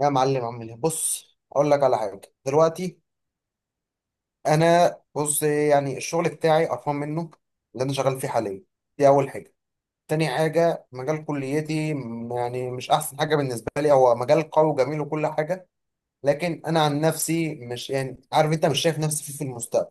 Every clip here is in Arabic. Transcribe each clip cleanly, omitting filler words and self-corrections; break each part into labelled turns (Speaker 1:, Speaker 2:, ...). Speaker 1: يا معلم، عامل ايه؟ بص اقول لك على حاجه دلوقتي. انا يعني الشغل بتاعي قرفان منه، اللي انا شغال فيه حاليا. دي اول حاجه. تاني حاجه مجال كليتي يعني مش احسن حاجه بالنسبه لي، هو مجال قوي وجميل وكل حاجه، لكن انا عن نفسي مش يعني عارف، انت مش شايف نفسي فيه في المستقبل.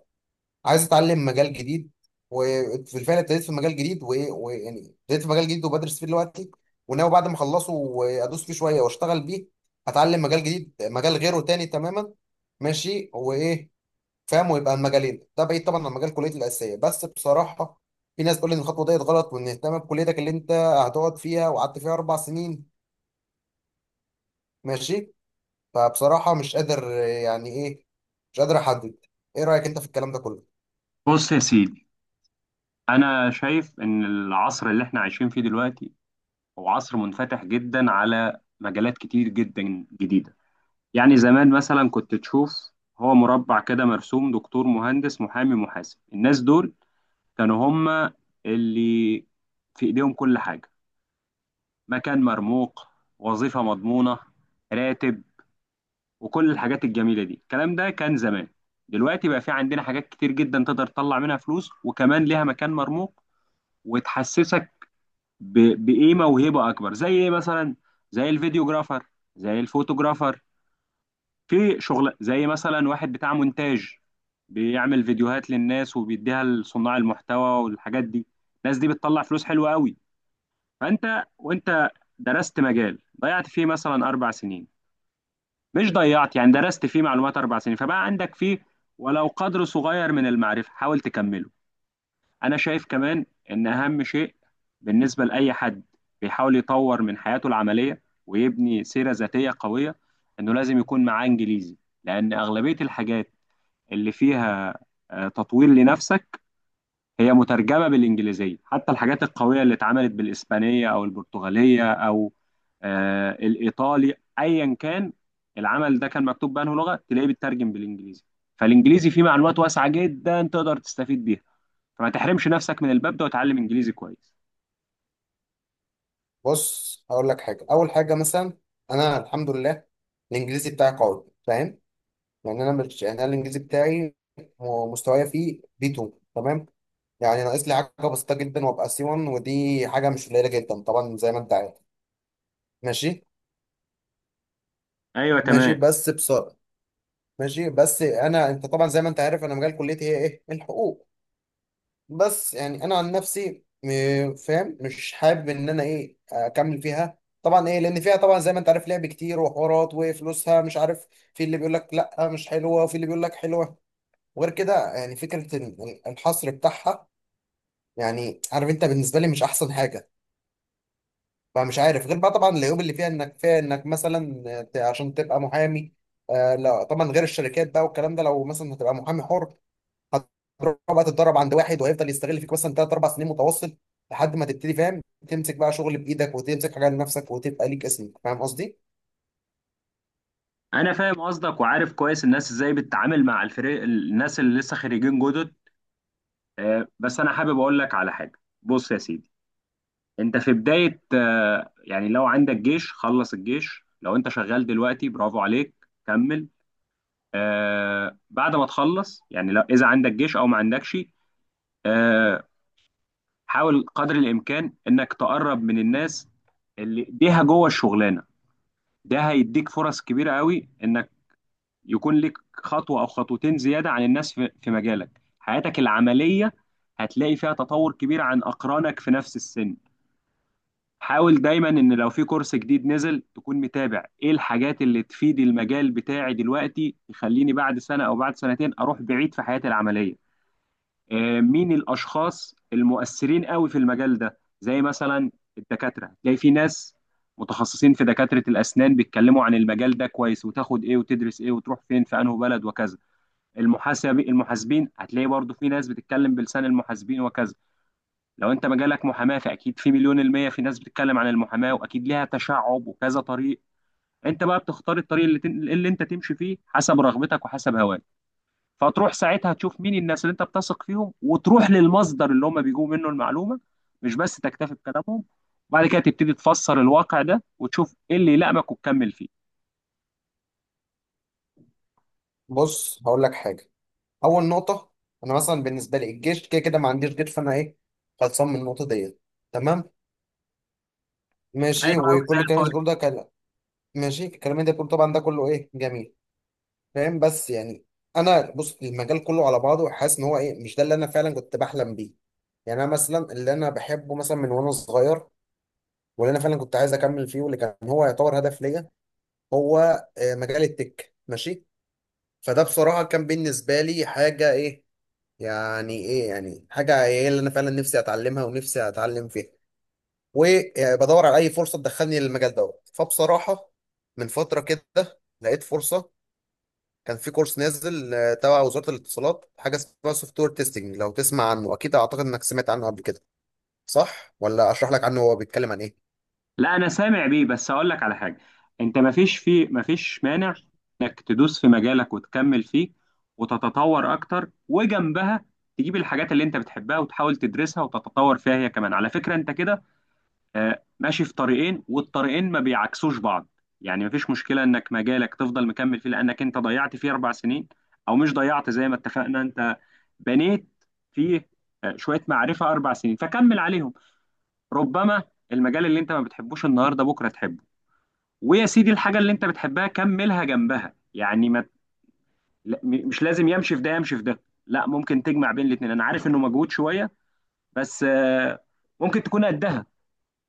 Speaker 1: عايز اتعلم مجال جديد، وفي الفعل ابتديت في مجال جديد. وايه ويعني ابتديت في مجال جديد وبدرس فيه دلوقتي، وناوي بعد ما اخلصه وادوس فيه شويه واشتغل بيه. هتعلم مجال جديد، مجال غيره تاني تماما. ماشي وايه، فاهم؟ ويبقى المجالين ده بعيد طبعا عن مجال كليتي الاساسيه، بس بصراحه في ناس تقول لي ان الخطوه ديت غلط، وان اهتم بكليتك اللي انت هتقعد فيها وقعدت فيها اربع سنين. ماشي. فبصراحه مش قادر يعني ايه، مش قادر احدد. ايه رايك انت في الكلام ده كله؟
Speaker 2: بص يا سيدي، أنا شايف إن العصر اللي إحنا عايشين فيه دلوقتي هو عصر منفتح جدا على مجالات كتير جدا جديدة. يعني زمان مثلا كنت تشوف، هو مربع كده مرسوم: دكتور، مهندس، محامي، محاسب. الناس دول كانوا هم اللي في إيديهم كل حاجة، مكان مرموق، وظيفة مضمونة، راتب، وكل الحاجات الجميلة دي. الكلام ده كان زمان. دلوقتي بقى في عندنا حاجات كتير جدا تقدر تطلع منها فلوس، وكمان ليها مكان مرموق، وتحسسك ب... بايه موهبه اكبر. زي ايه مثلا؟ زي الفيديوجرافر، زي الفوتوجرافر. في شغل زي مثلا واحد بتاع مونتاج، بيعمل فيديوهات للناس وبيديها لصناع المحتوى والحاجات دي. الناس دي بتطلع فلوس حلوة قوي. فانت وانت درست مجال ضيعت فيه مثلا 4 سنين، مش ضيعت، يعني درست فيه معلومات 4 سنين، فبقى عندك فيه ولو قدر صغير من المعرفة. حاول تكمله. انا شايف كمان ان اهم شيء بالنسبه لاي حد بيحاول يطور من حياته العمليه ويبني سيره ذاتيه قويه، انه لازم يكون معاه انجليزي. لان اغلبيه الحاجات اللي فيها تطوير لنفسك هي مترجمه بالانجليزيه. حتى الحاجات القويه اللي اتعملت بالاسبانيه او البرتغاليه او الايطالي، ايا كان العمل ده كان مكتوب بأنه لغه، تلاقيه بيترجم بالانجليزي. فالانجليزي فيه معلومات واسعه جدا تقدر تستفيد بيها. فما تحرمش نفسك من الباب ده، وتعلم انجليزي كويس.
Speaker 1: بص هقول لك حاجه. اول حاجه مثلا، انا الحمد لله الانجليزي بتاعي قوي، فاهم؟ يعني انا مش يعني انا الانجليزي بتاعي مستوايا فيه بي 2، تمام؟ يعني ناقص لي حاجه بسيطه جدا وابقى سي 1، ودي حاجه مش قليله جدا طبعا، زي ما انت عارف. ماشي.
Speaker 2: ايوه،
Speaker 1: ماشي
Speaker 2: تمام.
Speaker 1: بس بصراحه، ماشي بس انا، انت طبعا زي ما انت عارف انا مجال كليتي هي ايه؟ الحقوق. بس يعني انا عن نفسي فاهم، مش حابب ان انا ايه اكمل فيها طبعا، ايه لان فيها طبعا زي ما انت عارف لعب كتير وحوارات وفلوسها مش عارف، في اللي بيقول لك لا مش حلوه وفي اللي بيقول لك حلوه. وغير كده يعني فكره الحصر بتاعها، يعني عارف انت بالنسبه لي مش احسن حاجه. فمش عارف، غير بقى طبعا العيوب اللي فيها، انك فيها انك مثلا عشان تبقى محامي، آه لا طبعا، غير الشركات بقى والكلام ده. لو مثلا هتبقى محامي حر، هتروح بقى تتدرب عند واحد، وهيفضل يستغل فيك مثلا ثلاث اربع سنين متواصل، لحد ما تبتدي، فاهم؟ تمسك بقى شغل بايدك وتمسك حاجه لنفسك وتبقى ليك اسمك. فاهم قصدي؟
Speaker 2: انا فاهم قصدك وعارف كويس الناس ازاي بتتعامل مع الفريق، الناس اللي لسه خريجين جدد. بس انا حابب اقول لك على حاجه. بص يا سيدي، انت في بدايه. يعني لو عندك جيش، خلص الجيش. لو انت شغال دلوقتي، برافو عليك، كمل. بعد ما تخلص، يعني لو اذا عندك جيش او ما عندكش، آه، حاول قدر الامكان انك تقرب من الناس اللي ايديها جوه الشغلانه. ده هيديك فرص كبيرة قوي انك يكون لك خطوة او خطوتين زيادة عن الناس في مجالك. حياتك العملية هتلاقي فيها تطور كبير عن اقرانك في نفس السن. حاول دايما ان لو في كورس جديد نزل تكون متابع ايه الحاجات اللي تفيد المجال بتاعي دلوقتي، تخليني بعد سنة او بعد سنتين اروح بعيد في حياتي العملية. مين الاشخاص المؤثرين قوي في المجال ده؟ زي مثلا الدكاتره، تلاقي في ناس متخصصين في دكاتره الاسنان بيتكلموا عن المجال ده كويس، وتاخد ايه وتدرس ايه وتروح فين في انه بلد وكذا. المحاسب، المحاسبين هتلاقي برضو في ناس بتتكلم بلسان المحاسبين وكذا. لو انت مجالك محاماه، فاكيد في مليون المية في ناس بتتكلم عن المحاماه، واكيد ليها تشعب وكذا طريق. انت بقى بتختار الطريق اللي انت تمشي فيه حسب رغبتك وحسب هواك. فتروح ساعتها تشوف مين الناس اللي انت بتثق فيهم، وتروح للمصدر اللي هم بيجوا منه المعلومه. مش بس تكتفي بكلامهم، وبعد كده تبتدي تفسر الواقع ده وتشوف ايه اللي يلائمك وتكمل فيه.
Speaker 1: بص هقول لك حاجه. اول نقطه، انا مثلا بالنسبه لي الجيش كده كده ما عنديش جيش، فانا ايه خلصان من النقطه ديت. تمام. ماشي،
Speaker 2: حلو قوي، زي
Speaker 1: وكل الكلام اللي
Speaker 2: الفل.
Speaker 1: انت بتقوله ده كلام. ماشي، الكلام اللي انت بتقوله طبعا ده كله ايه جميل، فاهم؟ بس يعني انا بص، المجال كله على بعضه حاسس ان هو ايه مش ده اللي انا فعلا كنت بحلم بيه. يعني انا مثلا اللي انا بحبه مثلا من وانا صغير، واللي انا فعلا كنت عايز اكمل فيه، واللي كان هو يعتبر هدف ليا، هو مجال التك. ماشي. فده بصراحه كان بالنسبه لي حاجه ايه، يعني ايه، يعني حاجه ايه اللي انا فعلا نفسي اتعلمها ونفسي اتعلم فيها. وبدور على اي فرصه تدخلني للمجال دوت. فبصراحه من فتره كده لقيت فرصه. كان في كورس نازل تبع وزاره الاتصالات، حاجه اسمها سوفت وير تيستنج. لو تسمع عنه اكيد، اعتقد انك سمعت عنه قبل كده، صح؟ ولا اشرح لك عنه هو بيتكلم عن ايه؟
Speaker 2: لا، انا سامع بيه، بس اقول لك على حاجه. انت ما فيش مانع انك تدوس في مجالك وتكمل فيه وتتطور اكتر، وجنبها تجيب الحاجات اللي انت بتحبها وتحاول تدرسها وتتطور فيها هي كمان. على فكره انت كده ماشي في طريقين، والطريقين ما بيعكسوش بعض. يعني مفيش مشكلة انك مجالك تفضل مكمل فيه لانك انت ضيعت فيه 4 سنين، او مش ضيعت زي ما اتفقنا. انت بنيت فيه شوية معرفة 4 سنين، فكمل عليهم. ربما المجال اللي انت ما بتحبوش النهاردة بكرة تحبه. ويا سيدي، الحاجة اللي انت بتحبها كملها جنبها. يعني ما، لا، م- مش لازم يمشي في ده يمشي في ده. لا، ممكن تجمع بين الاتنين. انا عارف انه مجهود شوية، بس ممكن تكون قدها،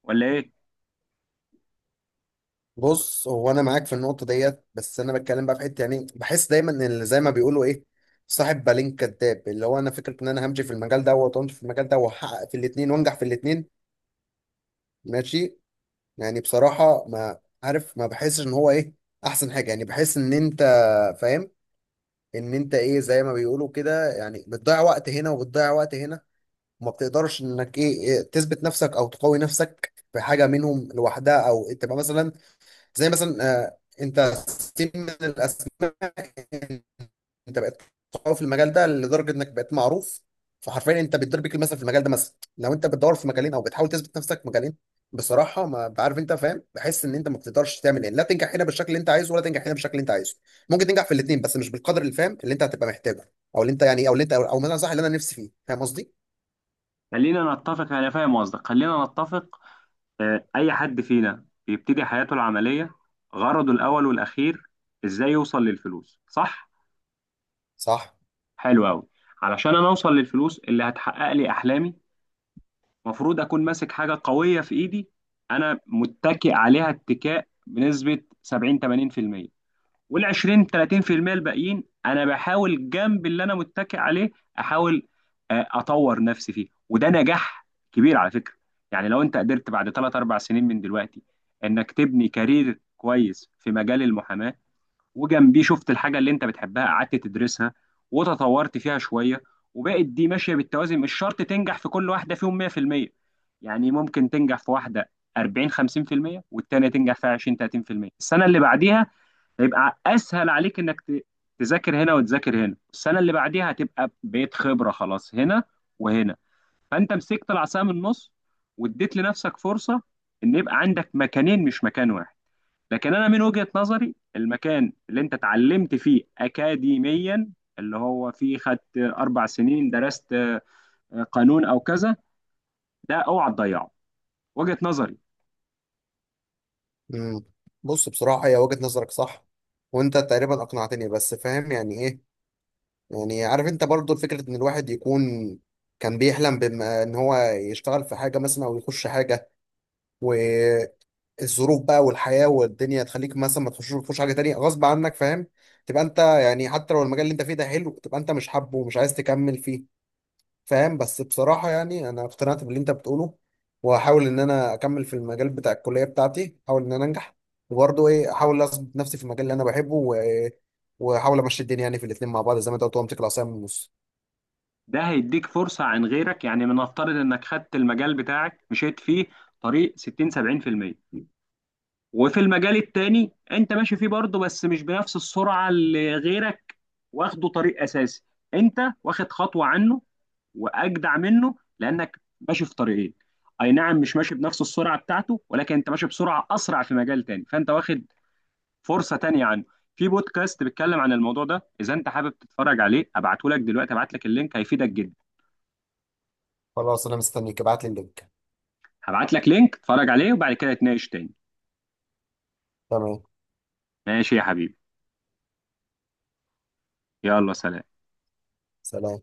Speaker 2: ولا ايه؟
Speaker 1: بص هو انا معاك في النقطه ديت، بس انا بتكلم بقى في حته. يعني بحس دايما ان اللي زي ما بيقولوا ايه، صاحب بالين كداب، اللي هو انا فكره ان انا همشي في المجال دوت وامشي في المجال ده، واحقق في الاثنين وانجح في الاثنين. ماشي. يعني بصراحه ما عارف، ما بحسش ان هو ايه احسن حاجه. يعني بحس ان انت فاهم، ان انت ايه زي ما بيقولوا كده، يعني بتضيع وقت هنا وبتضيع وقت هنا، وما بتقدرش انك ايه تثبت نفسك او تقوي نفسك في حاجه منهم لوحدها، او تبقى مثلا زي مثلا، انت سين من الاسماء، انت بقيت قوي في المجال ده لدرجه انك بقيت معروف، فحرفيا انت بتضرب بيك المثل في المجال ده. مثلا لو انت بتدور في مجالين او بتحاول تثبت نفسك في مجالين، بصراحه ما عارف، انت فاهم، بحس ان انت ما بتقدرش تعمل ايه، لا تنجح هنا بالشكل اللي انت عايزه، ولا تنجح هنا بالشكل اللي انت عايزه. ممكن تنجح في الاثنين، بس مش بالقدر اللي فاهم اللي انت هتبقى محتاجه، او اللي انت يعني، او اللي انت، او مثلا صح اللي انا نفسي فيه. فاهم قصدي؟
Speaker 2: خلينا نتفق، انا فاهم قصدك. خلينا نتفق، اي حد فينا بيبتدي حياته العمليه، غرضه الاول والاخير ازاي يوصل للفلوس، صح؟
Speaker 1: صح.
Speaker 2: حلو قوي. علشان انا اوصل للفلوس اللي هتحقق لي احلامي، المفروض اكون ماسك حاجه قويه في ايدي انا متكئ عليها اتكاء بنسبه 70 80%، وال 20 30% الباقيين انا بحاول جنب اللي انا متكئ عليه، احاول اطور نفسي فيه. وده نجاح كبير على فكره. يعني لو انت قدرت بعد 3 4 سنين من دلوقتي انك تبني كارير كويس في مجال المحاماه، وجنبيه شفت الحاجه اللي انت بتحبها قعدت تدرسها وتطورت فيها شويه، وبقت دي ماشيه بالتوازي. مش شرط تنجح في كل واحده فيهم 100%. يعني ممكن تنجح في واحده 40 50%، والتانيه تنجح فيها 20 30%. السنه اللي بعديها هيبقى اسهل عليك انك تذاكر هنا وتذاكر هنا. السنه اللي بعديها هتبقى بقيت خبره خلاص هنا وهنا. فانت مسكت العصا من النص، واديت لنفسك فرصه ان يبقى عندك مكانين مش مكان واحد. لكن انا من وجهه نظري، المكان اللي انت اتعلمت فيه اكاديميا، اللي هو فيه خدت 4 سنين درست قانون او كذا، ده اوعى تضيعه. وجهه نظري.
Speaker 1: امم بص بصراحه هي وجهه نظرك صح، وانت تقريبا اقنعتني. بس فاهم يعني ايه، يعني عارف انت برضو فكرة ان الواحد يكون كان بيحلم بما ان هو يشتغل في حاجة مثلا او يخش حاجة، والظروف بقى والحياة والدنيا تخليك مثلا ما تخشش، تخش حاجة تانية غصب عنك، فاهم؟ تبقى انت يعني حتى لو المجال اللي انت فيه ده حلو، تبقى انت مش حابه ومش عايز تكمل فيه، فاهم؟ بس بصراحة يعني انا اقتنعت باللي انت بتقوله، وهحاول ان انا اكمل في المجال بتاع الكلية بتاعتي، احاول ان انا انجح، وبرضه ايه احاول اثبت نفسي في المجال اللي انا بحبه واحاول امشي الدنيا يعني في الاتنين مع بعض، زي ما انت قلت، وامسك العصاية من النص.
Speaker 2: ده هيديك فرصة عن غيرك. يعني من نفترض انك خدت المجال بتاعك مشيت فيه طريق 60 70%، وفي المجال التاني انت ماشي فيه برضه بس مش بنفس السرعة اللي غيرك واخده طريق اساسي. انت واخد خطوة عنه واجدع منه لانك ماشي في طريقين. اي نعم مش ماشي بنفس السرعة بتاعته، ولكن انت ماشي بسرعة اسرع في مجال تاني، فانت واخد فرصة تانية عنه. في بودكاست بيتكلم عن الموضوع ده، اذا انت حابب تتفرج عليه ابعته لك دلوقتي. ابعت لك اللينك هيفيدك جدا.
Speaker 1: خلاص انا مستنيك، ابعت لي اللينك.
Speaker 2: هبعت لك لينك اتفرج عليه، وبعد كده نتناقش تاني.
Speaker 1: تمام.
Speaker 2: ماشي يا حبيبي، يلا سلام.
Speaker 1: سلام.